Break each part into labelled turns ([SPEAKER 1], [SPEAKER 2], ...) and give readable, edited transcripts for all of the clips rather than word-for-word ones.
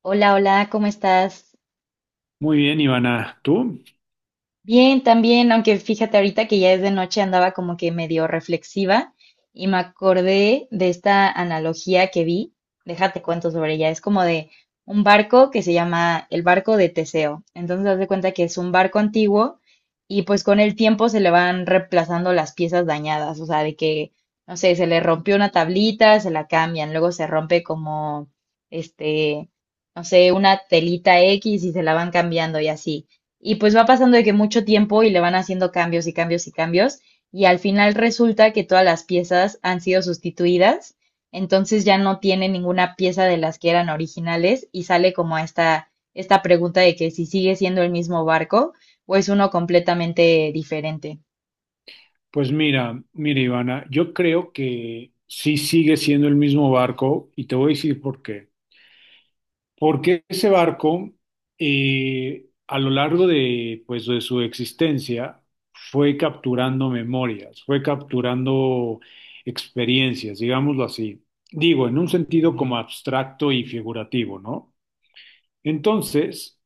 [SPEAKER 1] Hola, hola, ¿cómo estás?
[SPEAKER 2] Muy bien, Ivana. ¿Tú?
[SPEAKER 1] Bien, también, aunque fíjate ahorita que ya es de noche, andaba como que medio reflexiva y me acordé de esta analogía que vi. Déjate cuento sobre ella. Es como de un barco que se llama el barco de Teseo. Entonces, haz de cuenta que es un barco antiguo y pues con el tiempo se le van reemplazando las piezas dañadas. O sea, de que, no sé, se le rompió una tablita, se la cambian, luego se rompe como, este, no sé, una telita X y se la van cambiando y así. Y pues va pasando de que mucho tiempo y le van haciendo cambios y cambios y cambios. Y al final resulta que todas las piezas han sido sustituidas. Entonces ya no tiene ninguna pieza de las que eran originales y sale como esta pregunta de que si sigue siendo el mismo barco o es uno completamente diferente.
[SPEAKER 2] Pues mira, mira, Ivana, yo creo que sí sigue siendo el mismo barco y te voy a decir por qué. Porque ese barco, a lo largo de, pues, de su existencia, fue capturando memorias, fue capturando experiencias, digámoslo así. Digo, en un sentido como abstracto y figurativo, ¿no? Entonces,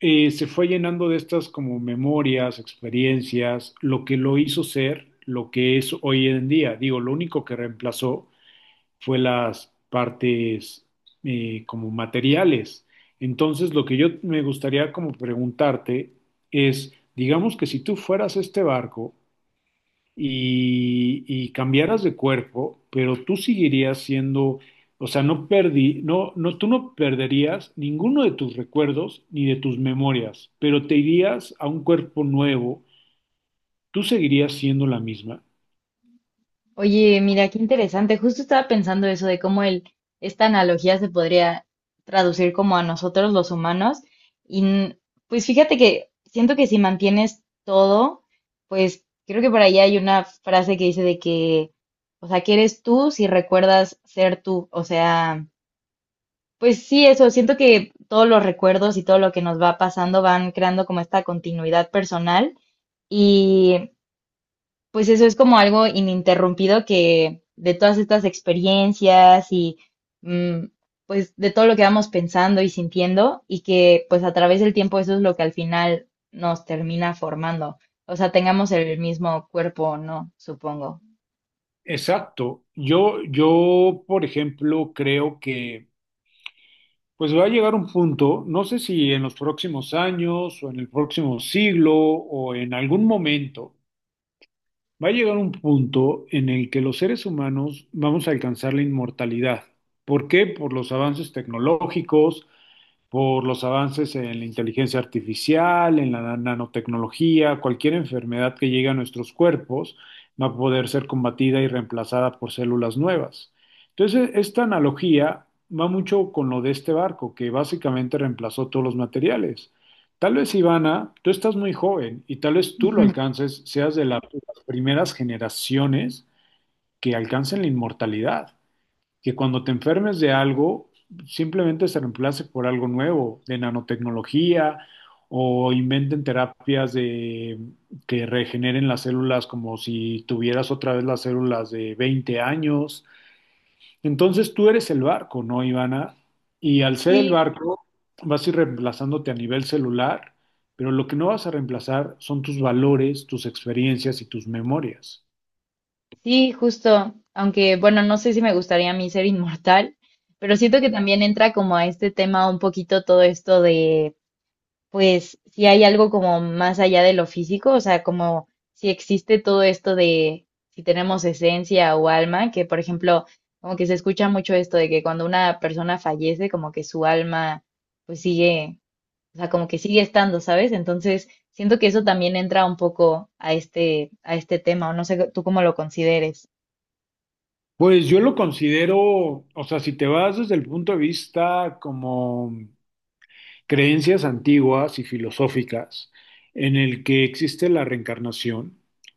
[SPEAKER 2] se fue llenando de estas como memorias, experiencias, lo que lo hizo ser lo que es hoy en día. Digo, lo único que reemplazó fue las partes como materiales. Entonces, lo que yo me gustaría como preguntarte es, digamos que si tú fueras este barco y cambiaras de cuerpo, pero tú seguirías siendo, o sea, no perdí, no, no, tú no perderías ninguno de tus recuerdos ni de tus memorias, pero te irías a un cuerpo nuevo, tú seguirías siendo la misma.
[SPEAKER 1] Oye, mira, qué interesante. Justo estaba pensando eso de cómo el, esta analogía se podría traducir como a nosotros los humanos. Y n- pues fíjate que siento que si mantienes todo, pues creo que por ahí hay una frase que dice de que, o sea, que eres tú si recuerdas ser tú. O sea, pues sí, eso, siento que todos los recuerdos y todo lo que nos va pasando van creando como esta continuidad personal, pues eso es como algo ininterrumpido que de todas estas experiencias y mm, pues de todo lo que vamos pensando y sintiendo y que pues a través del tiempo eso es lo que al final nos termina formando. O sea, tengamos el mismo cuerpo o no, supongo.
[SPEAKER 2] Exacto. Yo, por ejemplo, creo que pues va a llegar un punto, no sé si en los próximos años o en el próximo siglo o en algún momento. Va a llegar un punto en el que los seres humanos vamos a alcanzar la inmortalidad. ¿Por qué? Por los avances tecnológicos, por los avances en la inteligencia artificial, en la nanotecnología, cualquier enfermedad que llegue a nuestros cuerpos va a poder ser combatida y reemplazada por células nuevas. Entonces, esta analogía va mucho con lo de este barco, que básicamente reemplazó todos los materiales. Tal vez, Ivana, tú estás muy joven y tal vez tú lo alcances, seas de las primeras generaciones que alcancen la inmortalidad, que cuando te enfermes de algo, simplemente se reemplace por algo nuevo, de nanotecnología, o inventen terapias de, que regeneren las células como si tuvieras otra vez las células de 20 años. Entonces tú eres el barco, ¿no, Ivana? Y al ser el
[SPEAKER 1] Sí,
[SPEAKER 2] barco, vas a ir reemplazándote a nivel celular, pero lo que no vas a reemplazar son tus valores, tus experiencias y tus memorias.
[SPEAKER 1] sí, justo. Aunque bueno, no sé si me gustaría a mí ser inmortal, pero siento que también entra como a este tema un poquito todo esto de pues si hay algo como más allá de lo físico, o sea, como si existe todo esto de si tenemos esencia o alma, que por ejemplo, como que se escucha mucho esto de que cuando una persona fallece, como que su alma pues sigue, o sea, como que sigue estando, ¿sabes? Entonces, siento que eso también entra un poco a este tema, o no sé tú cómo lo consideres.
[SPEAKER 2] Pues yo lo considero, o sea, si te vas desde el punto de vista como creencias antiguas y filosóficas en el que existe la reencarnación,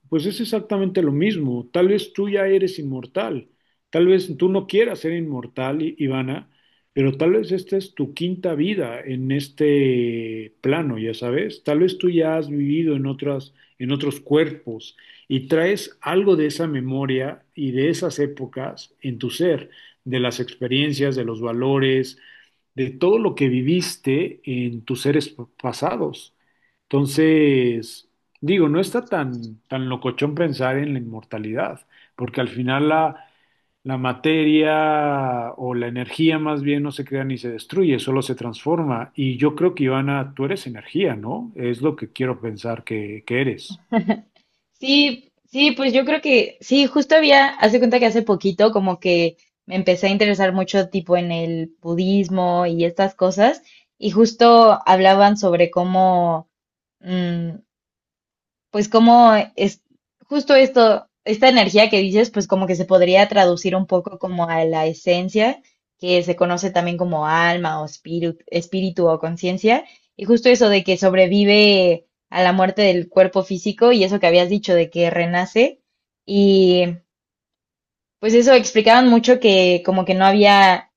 [SPEAKER 2] pues es exactamente lo mismo. Tal vez tú ya eres inmortal, tal vez tú no quieras ser inmortal, Ivana, pero tal vez esta es tu quinta vida en este plano, ya sabes. Tal vez tú ya has vivido en otras, en otros cuerpos y traes algo de esa memoria y de esas épocas en tu ser, de las experiencias, de los valores de todo lo que viviste en tus seres pasados. Entonces, digo, no está tan, tan locochón pensar en la inmortalidad, porque al final la, la materia o la energía más bien no se crea ni se destruye, solo se transforma. Y yo creo que, Ivana, tú eres energía, ¿no? Es lo que quiero pensar que eres.
[SPEAKER 1] Sí, sí, pues yo creo que sí, justo había, hace cuenta que hace poquito como que me empecé a interesar mucho tipo en el budismo y estas cosas, y justo hablaban sobre cómo, mm, pues como es justo esto, esta energía que dices, pues como que se podría traducir un poco como a la esencia, que se conoce también como alma o espíritu, espíritu o conciencia, y justo eso de que sobrevive a la muerte del cuerpo físico y eso que habías dicho de que renace, y pues eso explicaban mucho que como que no había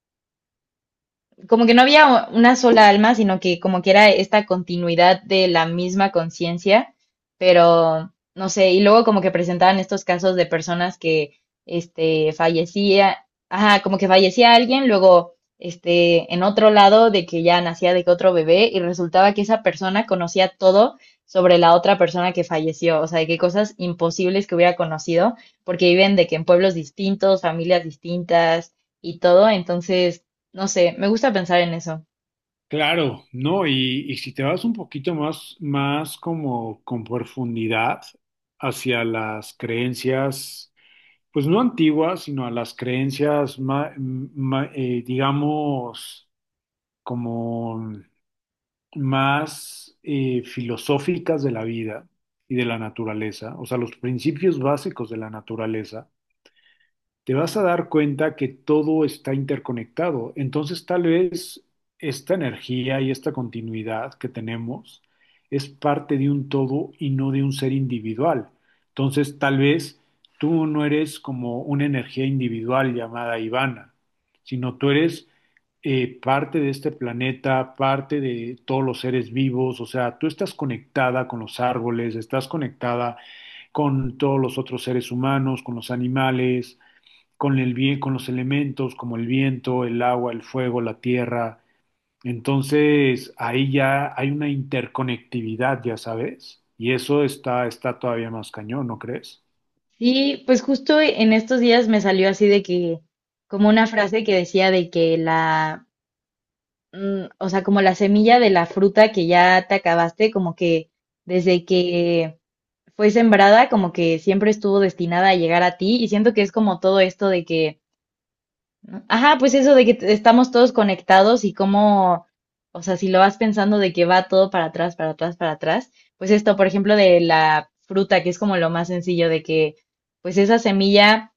[SPEAKER 1] como que no había una sola alma, sino que como que era esta continuidad de la misma conciencia, pero no sé, y luego como que presentaban estos casos de personas que este fallecía, ajá, como que fallecía alguien, luego este en otro lado de que ya nacía de que otro bebé y resultaba que esa persona conocía todo sobre la otra persona que falleció, o sea, de qué cosas imposibles que hubiera conocido, porque viven de que en pueblos distintos, familias distintas y todo, entonces no sé, me gusta pensar en eso.
[SPEAKER 2] Claro. No, y si te vas un poquito más, más como con profundidad hacia las creencias, pues no antiguas, sino a las creencias, digamos, como más filosóficas de la vida y de la naturaleza, o sea, los principios básicos de la naturaleza, te vas a dar cuenta que todo está interconectado. Entonces, tal vez esta energía y esta continuidad que tenemos es parte de un todo y no de un ser individual. Entonces, tal vez tú no eres como una energía individual llamada Ivana, sino tú eres parte de este planeta, parte de todos los seres vivos, o sea, tú estás conectada con los árboles, estás conectada con todos los otros seres humanos, con los animales, con con los elementos como el viento, el agua, el fuego, la tierra. Entonces, ahí ya hay una interconectividad, ya sabes, y eso está, está todavía más cañón, ¿no crees?
[SPEAKER 1] Y pues justo en estos días me salió así de que, como una frase que decía de que la, o sea, como la semilla de la fruta que ya te acabaste, como que desde que fue sembrada, como que siempre estuvo destinada a llegar a ti. Y siento que es como todo esto de que ¿no? Ajá, pues eso de que estamos todos conectados y cómo, o sea, si lo vas pensando de que va todo para atrás, para atrás, para atrás, pues esto, por ejemplo, de la fruta, que es como lo más sencillo de que, pues esa semilla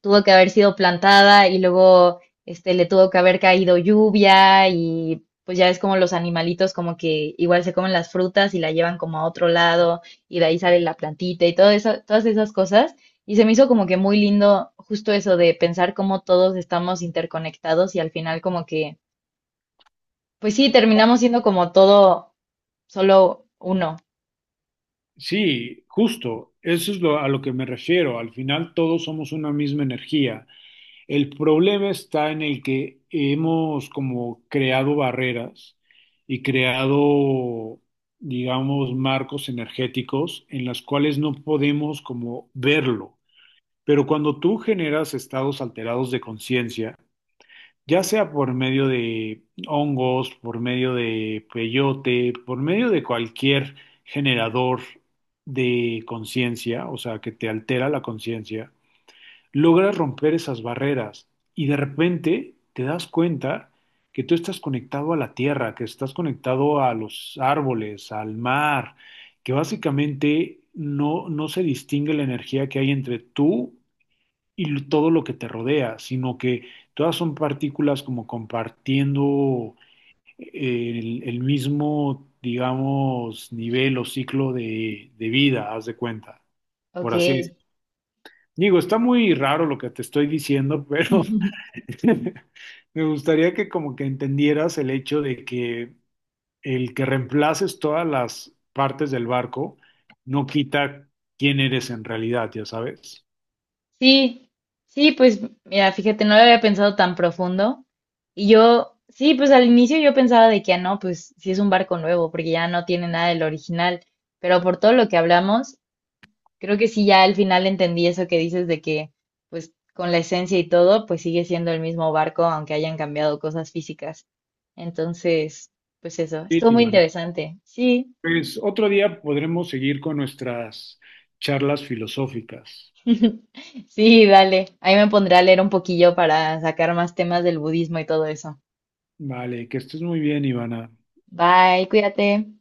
[SPEAKER 1] tuvo que haber sido plantada y luego le tuvo que haber caído lluvia y pues ya es como los animalitos como que igual se comen las frutas y la llevan como a otro lado y de ahí sale la plantita y todo eso, todas esas cosas. Y se me hizo como que muy lindo justo eso de pensar cómo todos estamos interconectados y al final como que, pues sí, terminamos siendo como todo solo uno.
[SPEAKER 2] Sí, justo, eso es lo, a lo que me refiero. Al final todos somos una misma energía. El problema está en el que hemos como creado barreras y creado, digamos, marcos energéticos en las cuales no podemos como verlo. Pero cuando tú generas estados alterados de conciencia, ya sea por medio de hongos, por medio de peyote, por medio de cualquier generador de conciencia, o sea, que te altera la conciencia, logras romper esas barreras y de repente te das cuenta que tú estás conectado a la tierra, que estás conectado a los árboles, al mar, que básicamente no, no se distingue la energía que hay entre tú y todo lo que te rodea, sino que todas son partículas como compartiendo el mismo, digamos, nivel o ciclo de vida, haz de cuenta,
[SPEAKER 1] Ok.
[SPEAKER 2] por así decirlo. Digo, está muy raro lo que te estoy diciendo, pero me gustaría que como que entendieras el hecho de que el que reemplaces todas las partes del barco no quita quién eres en realidad, ya sabes.
[SPEAKER 1] Sí, sí, pues mira, fíjate, no lo había pensado tan profundo. Y yo, sí, pues al inicio yo pensaba de que, ah, no, pues sí es un barco nuevo, porque ya no tiene nada del original. Pero por todo lo que hablamos, creo que sí ya al final entendí eso que dices de que, pues con la esencia y todo, pues sigue siendo el mismo barco, aunque hayan cambiado cosas físicas. Entonces, pues eso,
[SPEAKER 2] Sí,
[SPEAKER 1] estuvo muy
[SPEAKER 2] Ivana.
[SPEAKER 1] interesante. Sí,
[SPEAKER 2] Pues otro día podremos seguir con nuestras charlas filosóficas.
[SPEAKER 1] sí, dale. Ahí me pondré a leer un poquillo para sacar más temas del budismo y todo eso.
[SPEAKER 2] Vale, que estés muy bien, Ivana.
[SPEAKER 1] Bye, cuídate.